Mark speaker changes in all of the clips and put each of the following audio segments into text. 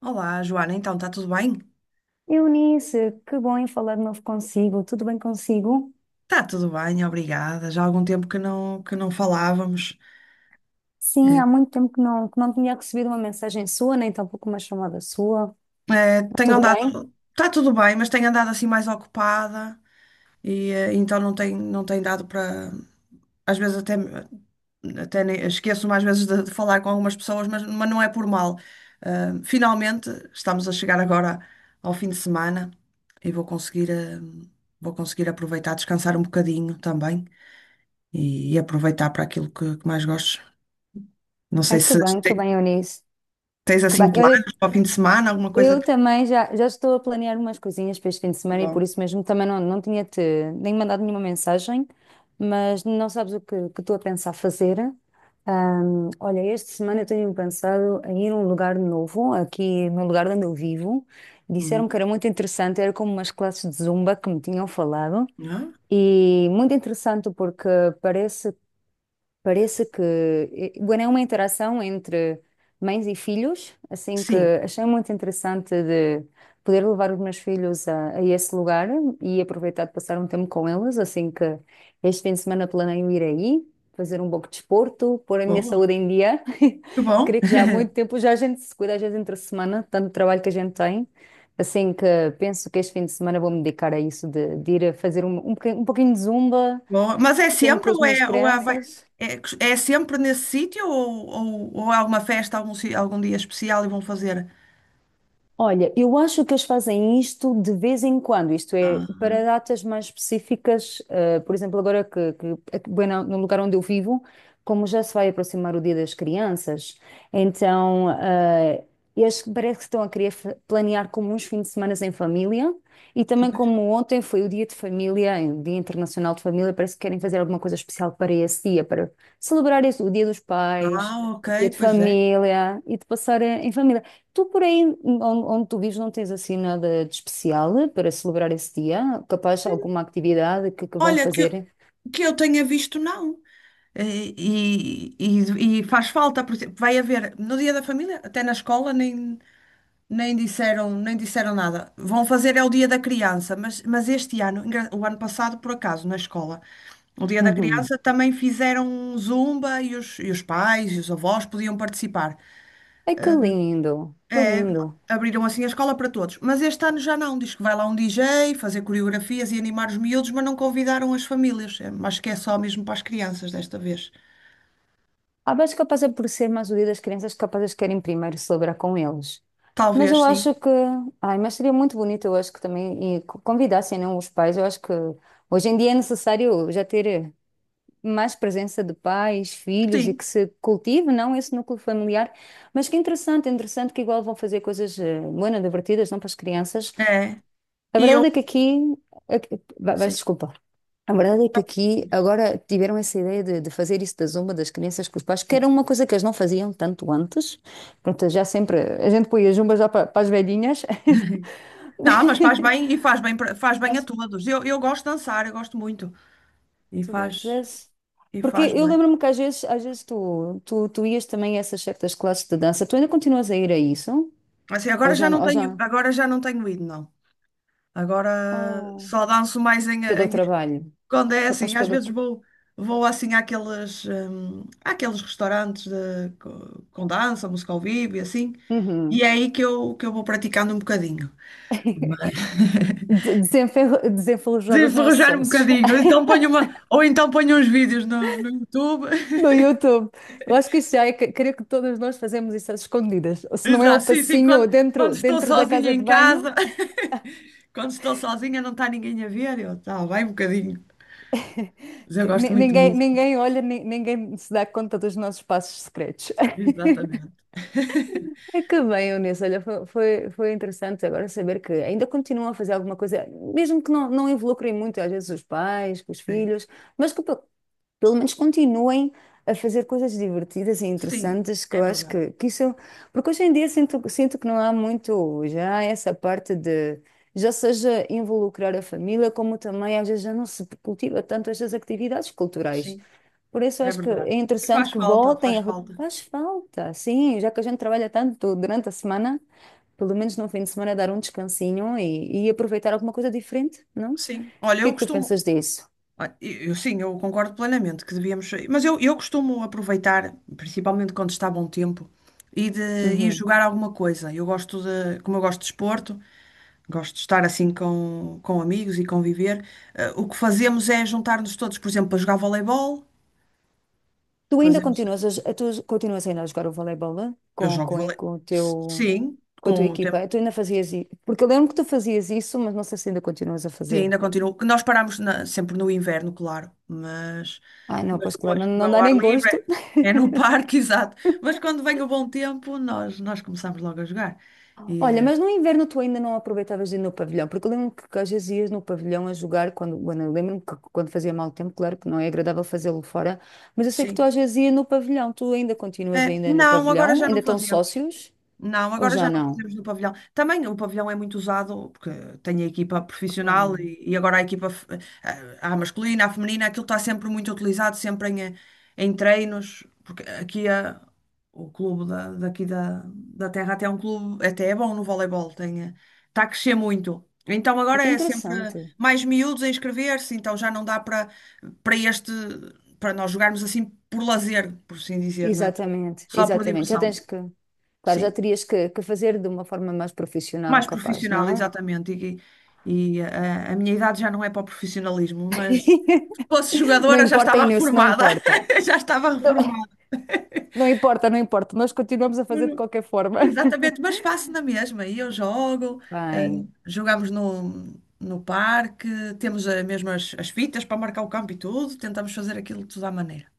Speaker 1: Olá, Joana, então está tudo bem?
Speaker 2: Eunice, que bom em falar de novo consigo. Tudo bem consigo?
Speaker 1: Está tudo bem, obrigada. Já há algum tempo que não falávamos.
Speaker 2: Sim,
Speaker 1: É.
Speaker 2: há muito tempo que não tinha recebido uma mensagem sua, nem tampouco uma chamada sua.
Speaker 1: É, tenho
Speaker 2: Tudo bem?
Speaker 1: andado, está tudo bem, mas tenho andado assim mais ocupada e então não tem dado para. Às vezes até, esqueço-me às vezes de falar com algumas pessoas, mas não é por mal. Finalmente estamos a chegar agora ao fim de semana e vou conseguir, vou conseguir aproveitar, descansar um bocadinho também e aproveitar para aquilo que mais gosto. Não sei
Speaker 2: Ai,
Speaker 1: se
Speaker 2: que
Speaker 1: te-
Speaker 2: bem, Eunice.
Speaker 1: Tens
Speaker 2: Que
Speaker 1: assim
Speaker 2: bem. Eu,
Speaker 1: planos para o fim de semana, alguma coisa
Speaker 2: eu
Speaker 1: que.
Speaker 2: também já estou a planear umas coisinhas para este fim de
Speaker 1: É
Speaker 2: semana e
Speaker 1: bom.
Speaker 2: por isso mesmo também não tinha-te nem mandado nenhuma mensagem, mas não sabes o que estou a pensar fazer. Olha, esta semana eu tenho pensado em ir a um lugar novo, aqui no lugar onde eu vivo. Disseram que
Speaker 1: Uhum.
Speaker 2: era muito interessante, era como umas classes de zumba que me tinham falado.
Speaker 1: Ah,
Speaker 2: E muito interessante porque parece. Parece que, bueno, é uma interação entre mães e filhos, assim que
Speaker 1: sim,
Speaker 2: achei muito interessante de poder levar os meus filhos a esse lugar e aproveitar de passar um tempo com eles, assim que este fim de semana planeio ir aí, fazer um pouco de desporto, pôr a minha
Speaker 1: boa.
Speaker 2: saúde em dia.
Speaker 1: Que bom.
Speaker 2: Creio que já há muito tempo já a gente se cuida às vezes entre semana, tanto trabalho que a gente tem, assim que penso que este fim de semana vou me dedicar a isso, de ir a fazer um pouquinho de zumba,
Speaker 1: Boa. Mas é
Speaker 2: que tenho com
Speaker 1: sempre
Speaker 2: as minhas
Speaker 1: ou é, vai-
Speaker 2: crianças.
Speaker 1: é, é sempre nesse sítio ou, ou há uma festa algum dia especial e vão fazer?
Speaker 2: Olha, eu acho que eles fazem isto de vez em quando, isto é,
Speaker 1: Ah,
Speaker 2: para datas mais específicas, por exemplo, agora que aqui, bem, no lugar onde eu vivo, como já se vai aproximar o Dia das Crianças, então eles parece que estão a querer planear como uns fins de semana em família e também
Speaker 1: pois.
Speaker 2: como ontem foi o Dia de Família, o Dia Internacional de Família, parece que querem fazer alguma coisa especial para esse dia, para celebrar o Dia dos Pais,
Speaker 1: Ah, ok,
Speaker 2: o Dia de
Speaker 1: pois é.
Speaker 2: Família e de passar em família. Tu por aí, onde tu vives, não tens assim nada de especial para celebrar esse dia? Capaz alguma atividade que vão
Speaker 1: Olha,
Speaker 2: fazer?
Speaker 1: que eu tenha visto, não. E faz falta, por exemplo, vai haver no Dia da Família, até na escola, nem. Nem disseram nada. Vão fazer é o Dia da Criança, mas este ano, o ano passado, por acaso, na escola, o Dia da
Speaker 2: Uhum.
Speaker 1: Criança também fizeram um Zumba e os pais e os avós podiam participar.
Speaker 2: Ai, que lindo, que
Speaker 1: É,
Speaker 2: lindo.
Speaker 1: abriram assim a escola para todos. Mas este ano já não. Diz que vai lá um DJ fazer coreografias e animar os miúdos, mas não convidaram as famílias. É, acho que é só mesmo para as crianças desta vez.
Speaker 2: Ah, mas capaz é por ser mais o dia das crianças, capazes querem primeiro celebrar com eles. Mas
Speaker 1: Talvez, sim.
Speaker 2: ai, mas seria muito bonito, eu acho que também, e convidassem, não, os pais, eu acho que hoje em dia é necessário já ter, mais presença de pais, filhos e que
Speaker 1: Sim,
Speaker 2: se cultive, não esse núcleo familiar. Mas que interessante, interessante que igual vão fazer coisas bueno, divertidas, não para as crianças.
Speaker 1: é.
Speaker 2: A
Speaker 1: E eu.
Speaker 2: verdade é que aqui, vais
Speaker 1: Sim.
Speaker 2: desculpar. A verdade é que aqui agora tiveram essa ideia de fazer isso da zumba das crianças com os pais, que
Speaker 1: Sim.
Speaker 2: era uma coisa que eles não faziam tanto antes. Pronto, já sempre a gente põe a zumba já para as velhinhas.
Speaker 1: Não, mas faz bem, faz bem a todos. Eu gosto de dançar, eu gosto muito. E
Speaker 2: Tu
Speaker 1: faz,
Speaker 2: gostas?
Speaker 1: e
Speaker 2: Porque
Speaker 1: faz
Speaker 2: eu
Speaker 1: bem.
Speaker 2: lembro-me que às vezes tu ias também a essas certas classes de dança. Tu ainda continuas a ir a isso?
Speaker 1: Assim, agora já não
Speaker 2: Ou
Speaker 1: tenho,
Speaker 2: já?
Speaker 1: agora já não tenho ido, não. Agora
Speaker 2: Oh,
Speaker 1: só danço mais
Speaker 2: pelo trabalho.
Speaker 1: quando é assim,
Speaker 2: Capaz
Speaker 1: às
Speaker 2: pelo.
Speaker 1: vezes
Speaker 2: tra-
Speaker 1: vou assim àqueles, àqueles restaurantes com dança, música ao vivo e assim. E
Speaker 2: Uhum.
Speaker 1: é aí que eu vou praticando um bocadinho. Mas
Speaker 2: Desenferrujar os nossos
Speaker 1: enferrujar um
Speaker 2: sócios.
Speaker 1: bocadinho, então ponho uma, ou então ponho uns vídeos no, no YouTube.
Speaker 2: No YouTube. Eu acho que Creio que todas nós fazemos isso às escondidas. Ou se não é o
Speaker 1: Exato, sim, sim,
Speaker 2: passinho ou
Speaker 1: quando, quando
Speaker 2: dentro,
Speaker 1: estou
Speaker 2: dentro da
Speaker 1: sozinha
Speaker 2: casa de
Speaker 1: em
Speaker 2: banho.
Speaker 1: casa, quando estou sozinha não está ninguém a ver, eu tá, vai um bocadinho, mas eu
Speaker 2: Que
Speaker 1: gosto muito de
Speaker 2: ninguém,
Speaker 1: música.
Speaker 2: ninguém olha, ninguém se dá conta dos nossos passos secretos.
Speaker 1: Exatamente.
Speaker 2: É que bem, Eunice, olha, foi interessante agora saber que ainda continuam a fazer alguma coisa, mesmo que não involucrem muito, às vezes, os pais, com os
Speaker 1: Sim,
Speaker 2: filhos, mas pelo menos continuem a fazer coisas divertidas e
Speaker 1: sim,
Speaker 2: interessantes, que
Speaker 1: é
Speaker 2: eu acho
Speaker 1: verdade.
Speaker 2: que isso. Porque hoje em dia sinto que não há muito já essa parte de, já seja involucrar a família, como também às vezes já não se cultiva tanto estas atividades culturais.
Speaker 1: Sim,
Speaker 2: Por isso eu
Speaker 1: é
Speaker 2: acho que
Speaker 1: verdade.
Speaker 2: é
Speaker 1: E
Speaker 2: interessante
Speaker 1: faz
Speaker 2: que
Speaker 1: falta, faz
Speaker 2: voltem a...
Speaker 1: falta.
Speaker 2: Faz falta, sim, já que a gente trabalha tanto durante a semana, pelo menos no fim de semana dar um descansinho e aproveitar alguma coisa diferente, não? O
Speaker 1: Sim, olha,
Speaker 2: que é
Speaker 1: eu
Speaker 2: que tu
Speaker 1: costumo.
Speaker 2: pensas disso?
Speaker 1: Olha, eu, eu concordo plenamente que devíamos. Mas eu costumo aproveitar, principalmente quando está bom tempo, e de ir
Speaker 2: Uhum.
Speaker 1: jogar alguma coisa. Eu gosto de. Como eu gosto de desporto, gosto de estar assim com amigos e conviver. O que fazemos é juntar-nos todos, por exemplo, para jogar voleibol.
Speaker 2: Tu ainda
Speaker 1: Fazemos,
Speaker 2: tu continuas ainda a jogar o voleibol, né?
Speaker 1: eu jogo
Speaker 2: Com, eh,
Speaker 1: vole.
Speaker 2: com o teu,
Speaker 1: Sim,
Speaker 2: com a tua
Speaker 1: com o tempo.
Speaker 2: equipa? Tu ainda fazias isso? Porque eu lembro que tu fazias isso, mas não sei se ainda continuas a
Speaker 1: Sim,
Speaker 2: fazer.
Speaker 1: ainda continuo. Que nós paramos sempre no inverno, claro,
Speaker 2: Ai, não,
Speaker 1: mas
Speaker 2: pois claro,
Speaker 1: depois,
Speaker 2: não,
Speaker 1: como
Speaker 2: não
Speaker 1: é o
Speaker 2: dá
Speaker 1: ar
Speaker 2: nem
Speaker 1: livre,
Speaker 2: gosto.
Speaker 1: é é no parque, exato. Mas quando vem o bom tempo, nós começamos logo a jogar. E,
Speaker 2: Olha, mas no inverno tu ainda não aproveitavas de ir no pavilhão, porque eu lembro que às vezes ias no pavilhão a jogar, quando, bueno, eu lembro-me que quando fazia mau tempo, claro que não é agradável fazê-lo fora, mas eu sei que tu
Speaker 1: sim.
Speaker 2: às vezes ias no pavilhão, tu ainda continuas
Speaker 1: É
Speaker 2: ainda no
Speaker 1: não, agora
Speaker 2: pavilhão,
Speaker 1: já não
Speaker 2: ainda estão
Speaker 1: fazemos.
Speaker 2: sócios,
Speaker 1: Não,
Speaker 2: ou
Speaker 1: agora
Speaker 2: já
Speaker 1: já não
Speaker 2: não?
Speaker 1: fazemos no pavilhão. Também o pavilhão é muito usado, porque tem a equipa profissional
Speaker 2: Claro.
Speaker 1: e agora a a masculina, a feminina, aquilo está sempre muito utilizado, sempre em, em treinos, porque o clube da, daqui da, da terra até é um clube, até é bom no voleibol, tem, está a crescer muito. Então
Speaker 2: É
Speaker 1: agora
Speaker 2: que é
Speaker 1: é sempre
Speaker 2: interessante.
Speaker 1: mais miúdos a inscrever-se, então já não dá para para este, para nós jogarmos assim por lazer, por assim dizer, não é?
Speaker 2: Exatamente,
Speaker 1: Só por
Speaker 2: exatamente.
Speaker 1: diversão.
Speaker 2: Claro, já
Speaker 1: Sim
Speaker 2: terias que fazer de uma forma mais profissional,
Speaker 1: mais
Speaker 2: capaz,
Speaker 1: profissional,
Speaker 2: não?
Speaker 1: exatamente. E a minha idade já não é para o profissionalismo, mas se fosse
Speaker 2: Não
Speaker 1: jogadora já
Speaker 2: importa,
Speaker 1: estava
Speaker 2: Inês, não
Speaker 1: reformada.
Speaker 2: importa.
Speaker 1: Já estava
Speaker 2: Não,
Speaker 1: reformada.
Speaker 2: não importa, não importa, nós continuamos a fazer de
Speaker 1: Mas-
Speaker 2: qualquer forma.
Speaker 1: Exatamente, mas faço na mesma. E eu jogo, eh,
Speaker 2: Bem,
Speaker 1: jogamos no, no parque, temos mesmo as, as fitas para marcar o campo e tudo, tentamos fazer aquilo tudo à maneira.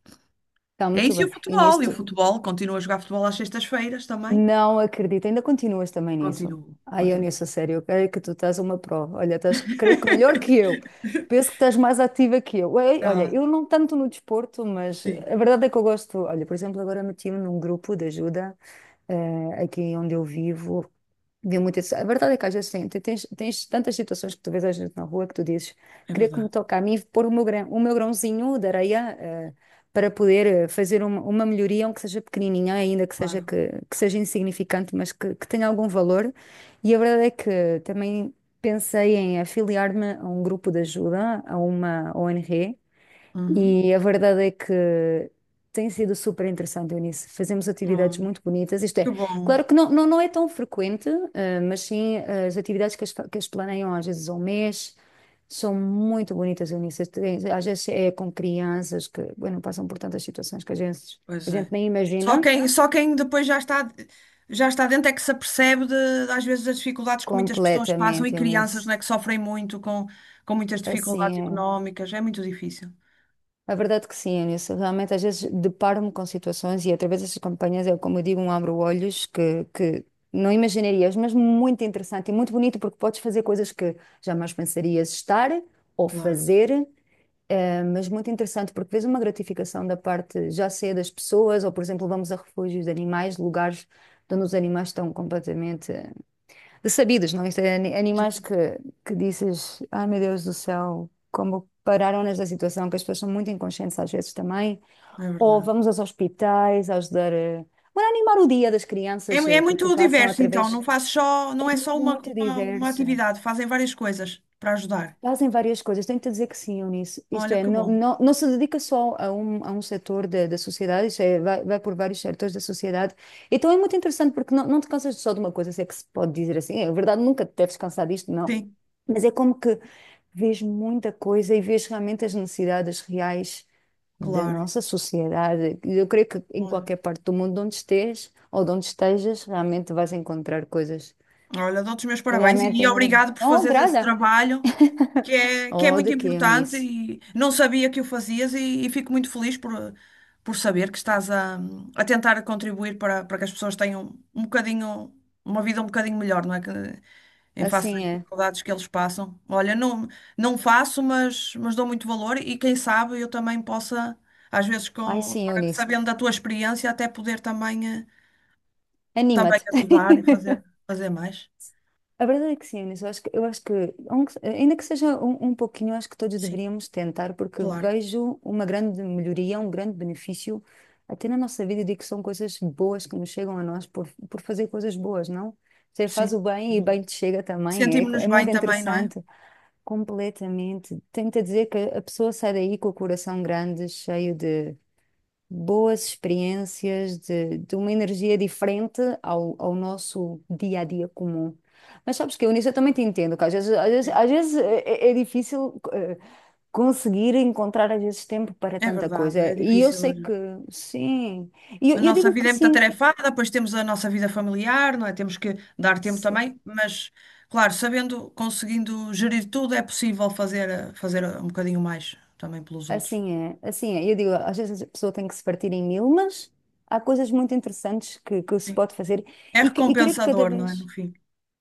Speaker 2: está
Speaker 1: É
Speaker 2: muito
Speaker 1: isso e
Speaker 2: bem.
Speaker 1: o
Speaker 2: E
Speaker 1: futebol.
Speaker 2: nisso
Speaker 1: E o
Speaker 2: tu
Speaker 1: futebol, continuo a jogar futebol às sextas-feiras também.
Speaker 2: Não acredito, ainda continuas também nisso.
Speaker 1: Continuo,
Speaker 2: Ai, eu
Speaker 1: continuo.
Speaker 2: nisso, a sério, eu creio que tu estás uma prova. Olha, estás, creio que melhor que eu. Penso que estás mais ativa que eu. Ei, olha,
Speaker 1: Tá
Speaker 2: eu não tanto no desporto, mas
Speaker 1: sim,
Speaker 2: a verdade é que eu gosto. Olha, por exemplo, agora meti-me num grupo de ajuda. Aqui onde eu vivo. Vê muito isso. A verdade é que às vezes tens tantas situações que tu vês a gente na rua que tu dizes,
Speaker 1: é
Speaker 2: queria que
Speaker 1: verdade,
Speaker 2: me toque a mim pôr o meu grão, o meu grãozinho de areia, para poder, fazer uma melhoria, aunque seja pequenininha, ainda que seja,
Speaker 1: claro.
Speaker 2: que seja insignificante, mas que tenha algum valor. E a verdade é que também pensei em afiliar-me a um grupo de ajuda, a uma ONG,
Speaker 1: Uhum.
Speaker 2: e a verdade é que tem sido super interessante, Eunice. Fazemos atividades
Speaker 1: Olha,
Speaker 2: muito bonitas. Isto
Speaker 1: que
Speaker 2: é,
Speaker 1: bom.
Speaker 2: claro que não é tão frequente, mas sim, eh, as atividades que as, fa- que as planeiam às vezes ao mês são muito bonitas, Eunice. Às vezes é com crianças que, bueno, passam por tantas situações que a
Speaker 1: Pois
Speaker 2: gente
Speaker 1: é.
Speaker 2: nem imagina.
Speaker 1: Só quem depois já está dentro é que se apercebe de, às vezes das dificuldades que muitas pessoas passam e
Speaker 2: Completamente,
Speaker 1: crianças,
Speaker 2: Eunice.
Speaker 1: não é, que sofrem muito com muitas
Speaker 2: Assim
Speaker 1: dificuldades
Speaker 2: é.
Speaker 1: económicas. É muito difícil.
Speaker 2: A verdade que sim, Anilson. Realmente, às vezes deparo-me com situações e através destas campanhas eu, como eu digo, um abro-olhos que não imaginarias, mas muito interessante e muito bonito porque podes fazer coisas que jamais pensarias estar ou
Speaker 1: Claro.
Speaker 2: fazer, mas muito interessante porque vês uma gratificação da parte, já seja das pessoas ou, por exemplo, vamos a refúgios de animais, lugares onde os animais estão completamente sabidos, não? Isto é animais
Speaker 1: Sim,
Speaker 2: que dizes, ai meu Deus do céu, como pararam nesta situação, que as pessoas são muito inconscientes às vezes também.
Speaker 1: é
Speaker 2: Ou
Speaker 1: verdade.
Speaker 2: vamos aos hospitais, ajudar. Para animar o dia das
Speaker 1: É,
Speaker 2: crianças,
Speaker 1: é
Speaker 2: que
Speaker 1: muito
Speaker 2: passam
Speaker 1: diverso, então. Não
Speaker 2: através.
Speaker 1: faz só,
Speaker 2: É
Speaker 1: não é só
Speaker 2: muito
Speaker 1: uma
Speaker 2: diverso.
Speaker 1: atividade. Fazem várias coisas para ajudar.
Speaker 2: Fazem várias coisas, tenho-te dizer que sim, Eunice. Isto
Speaker 1: Olha,
Speaker 2: é,
Speaker 1: que bom.
Speaker 2: não se dedica só a um setor da sociedade, isto é, vai por vários setores da sociedade. Então é muito interessante porque não te cansas só de uma coisa, se é que se pode dizer assim. É, é verdade, nunca te deves cansar disto, não.
Speaker 1: Sim,
Speaker 2: Mas é como que vês muita coisa e vês realmente as necessidades reais da
Speaker 1: claro.
Speaker 2: nossa sociedade. Eu creio que em
Speaker 1: Olha,
Speaker 2: qualquer parte do mundo onde estejas ou de onde estejas, realmente vais encontrar coisas.
Speaker 1: olha, dou-te os meus parabéns
Speaker 2: Realmente,
Speaker 1: e
Speaker 2: tem muita-
Speaker 1: obrigado por
Speaker 2: não
Speaker 1: fazeres esse
Speaker 2: agrada.
Speaker 1: trabalho. Que é, que é
Speaker 2: Oh,
Speaker 1: muito
Speaker 2: de quê,
Speaker 1: importante
Speaker 2: Eunice?
Speaker 1: e não sabia que o fazias e fico muito feliz por saber que estás a tentar contribuir para, para que as pessoas tenham um bocadinho, uma vida um bocadinho melhor, não é? Que, em face das
Speaker 2: Assim é.
Speaker 1: dificuldades que eles passam. Olha, não, não faço, mas dou muito valor e quem sabe eu também possa, às vezes, com,
Speaker 2: Ai, sim,
Speaker 1: agora
Speaker 2: Eunice.
Speaker 1: sabendo da tua experiência, até poder também, também
Speaker 2: Anima-te.
Speaker 1: ajudar e fazer, fazer mais.
Speaker 2: A verdade é que sim, Eunice. Eu acho que ainda que seja um, um pouquinho, eu acho que todos
Speaker 1: Sim,
Speaker 2: deveríamos tentar, porque
Speaker 1: claro,
Speaker 2: vejo uma grande melhoria, um grande benefício até na nossa vida. Eu digo que são coisas boas que nos chegam a nós por fazer coisas boas, não? Você faz
Speaker 1: sim.
Speaker 2: o bem e bem te chega também. É,
Speaker 1: Sentimos-nos
Speaker 2: é
Speaker 1: bem
Speaker 2: muito
Speaker 1: também, não é?
Speaker 2: interessante. Completamente. Tenta dizer que a pessoa sai daí com o coração grande, cheio de boas experiências, de uma energia diferente ao nosso dia a dia comum. Mas sabes que eu nisso eu também te entendo, que
Speaker 1: Sim.
Speaker 2: às vezes é, é difícil, conseguir encontrar às vezes tempo para
Speaker 1: É
Speaker 2: tanta
Speaker 1: verdade,
Speaker 2: coisa.
Speaker 1: é
Speaker 2: E eu
Speaker 1: difícil.
Speaker 2: sei que
Speaker 1: Olha.
Speaker 2: sim, e
Speaker 1: A
Speaker 2: eu
Speaker 1: nossa
Speaker 2: digo que
Speaker 1: vida é muito
Speaker 2: sim,
Speaker 1: atarefada, depois temos a nossa vida familiar, não é? Temos que dar tempo
Speaker 2: se-
Speaker 1: também, mas, claro, sabendo, conseguindo gerir tudo, é possível fazer, fazer um bocadinho mais também pelos outros.
Speaker 2: assim é, assim é. Eu digo, às vezes a pessoa tem que se partir em mil, mas há coisas muito interessantes que se
Speaker 1: Sim.
Speaker 2: pode fazer
Speaker 1: É
Speaker 2: e creio que cada
Speaker 1: recompensador, não é? No
Speaker 2: vez.
Speaker 1: fim.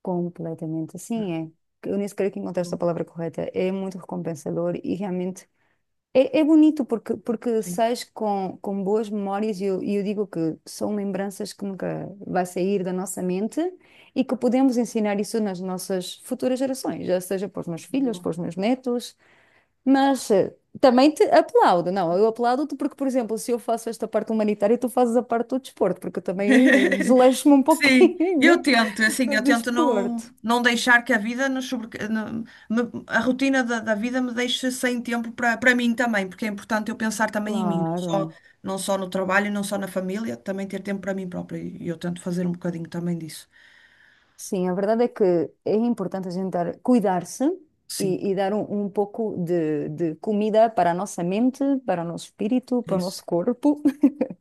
Speaker 2: Completamente, assim é. Eu nem sequer que encontraste a palavra correta. É muito recompensador e realmente é, é bonito porque, porque
Speaker 1: Sim.
Speaker 2: sais com boas memórias e eu digo que são lembranças que nunca vai sair da nossa mente e que podemos ensinar isso nas nossas futuras gerações, já seja para os meus filhos,
Speaker 1: Boa.
Speaker 2: para os meus netos, mas, também te aplaudo. Não, eu aplaudo-te porque, por exemplo, se eu faço esta parte humanitária, tu fazes a parte do desporto, porque eu também, desleixo-me um
Speaker 1: Sim,
Speaker 2: pouquinho
Speaker 1: eu tento, é assim,
Speaker 2: do
Speaker 1: eu tento não,
Speaker 2: desporto.
Speaker 1: não deixar que a rotina da, da vida me deixe sem tempo para para mim também, porque é importante eu pensar também em mim, não só,
Speaker 2: Claro.
Speaker 1: não só no trabalho, não só na família, também ter tempo para mim própria. E eu tento fazer um bocadinho também disso.
Speaker 2: Sim, a verdade é que é importante cuidar-se
Speaker 1: Sim,
Speaker 2: e dar um, um pouco de comida para a nossa mente, para o nosso espírito,
Speaker 1: é
Speaker 2: para o
Speaker 1: isso.
Speaker 2: nosso corpo,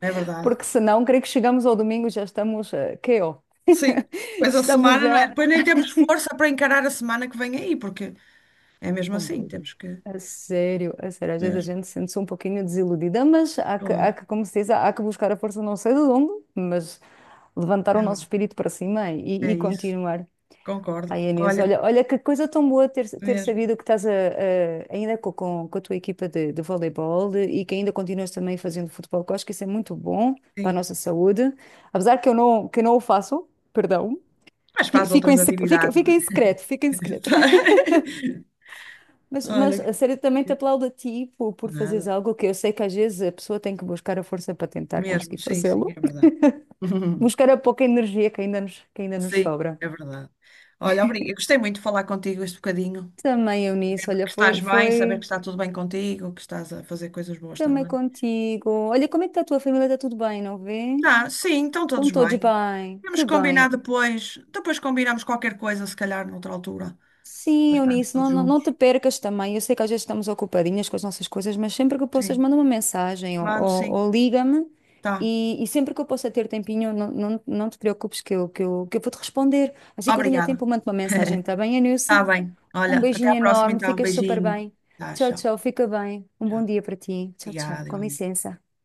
Speaker 1: É verdade.
Speaker 2: porque senão, creio que chegamos ao domingo e já estamos, KO.
Speaker 1: Sim. Pois a
Speaker 2: Estamos
Speaker 1: semana, não é?
Speaker 2: já.
Speaker 1: Depois nem temos força para encarar a semana que vem aí, porque é mesmo assim,
Speaker 2: Completamente.
Speaker 1: temos que.
Speaker 2: A sério, a sério. Às vezes
Speaker 1: Mesmo,
Speaker 2: a gente sente-se um pouquinho desiludida, mas há
Speaker 1: claro.
Speaker 2: que, como se diz, há que buscar a força não sei de onde, mas levantar
Speaker 1: É
Speaker 2: o nosso
Speaker 1: verdade.
Speaker 2: espírito para cima
Speaker 1: É
Speaker 2: e
Speaker 1: isso.
Speaker 2: continuar.
Speaker 1: Concordo.
Speaker 2: Ai, Inês,
Speaker 1: Olha,
Speaker 2: olha, olha que coisa tão boa ter
Speaker 1: mesmo.
Speaker 2: sabido que estás ainda com a tua equipa de voleibol e que ainda continuas também fazendo futebol, que eu acho que isso é muito bom para a
Speaker 1: Sim.
Speaker 2: nossa saúde. Apesar que eu não o faço, perdão,
Speaker 1: Mas faz
Speaker 2: Fico em,
Speaker 1: outras atividades.
Speaker 2: fica
Speaker 1: Não é?
Speaker 2: em secreto, fica em secreto. Mas
Speaker 1: Olha,
Speaker 2: a sério, também te aplaudo a ti por fazeres
Speaker 1: nada.
Speaker 2: algo que eu sei que às vezes a pessoa tem que buscar a força para tentar
Speaker 1: Mesmo,
Speaker 2: conseguir
Speaker 1: sim, sim, é
Speaker 2: fazê-lo,
Speaker 1: verdade.
Speaker 2: buscar a pouca energia que ainda nos
Speaker 1: Sim,
Speaker 2: sobra.
Speaker 1: é verdade. Olha, obrigada. Eu gostei muito de falar contigo este bocadinho.
Speaker 2: Também eu nisso,
Speaker 1: Saber
Speaker 2: olha,
Speaker 1: que estás bem, saber que
Speaker 2: foi.
Speaker 1: está tudo bem contigo, que estás a fazer coisas boas
Speaker 2: Também
Speaker 1: também.
Speaker 2: contigo. Olha, como é que está a tua família? Está tudo bem, não vê?
Speaker 1: Tá, sim, estão
Speaker 2: Estão
Speaker 1: todos
Speaker 2: todos
Speaker 1: bem.
Speaker 2: bem.
Speaker 1: Temos
Speaker 2: Que
Speaker 1: que combinar
Speaker 2: bem.
Speaker 1: depois. Depois combinamos qualquer coisa, se calhar, noutra altura, para
Speaker 2: Sim,
Speaker 1: estarmos
Speaker 2: Eunice,
Speaker 1: todos
Speaker 2: não te
Speaker 1: juntos.
Speaker 2: percas também. Eu sei que às vezes estamos ocupadinhas com as nossas coisas, mas sempre que possas,
Speaker 1: Sim,
Speaker 2: manda uma mensagem
Speaker 1: mando sim.
Speaker 2: ou liga-me.
Speaker 1: Tá.
Speaker 2: E sempre que eu possa ter tempinho, não te preocupes que eu vou-te responder. Assim que eu tenha
Speaker 1: Obrigada.
Speaker 2: tempo, eu mando uma mensagem, está bem, Eunice?
Speaker 1: Tá bem.
Speaker 2: Um
Speaker 1: Olha, até
Speaker 2: beijinho
Speaker 1: à próxima
Speaker 2: enorme,
Speaker 1: então.
Speaker 2: ficas super
Speaker 1: Beijinho.
Speaker 2: bem.
Speaker 1: Tá,
Speaker 2: Tchau,
Speaker 1: tchau.
Speaker 2: tchau, fica bem. Um bom
Speaker 1: Já.
Speaker 2: dia para ti. Tchau,
Speaker 1: Obrigada,
Speaker 2: tchau. Com
Speaker 1: igualmente.
Speaker 2: licença.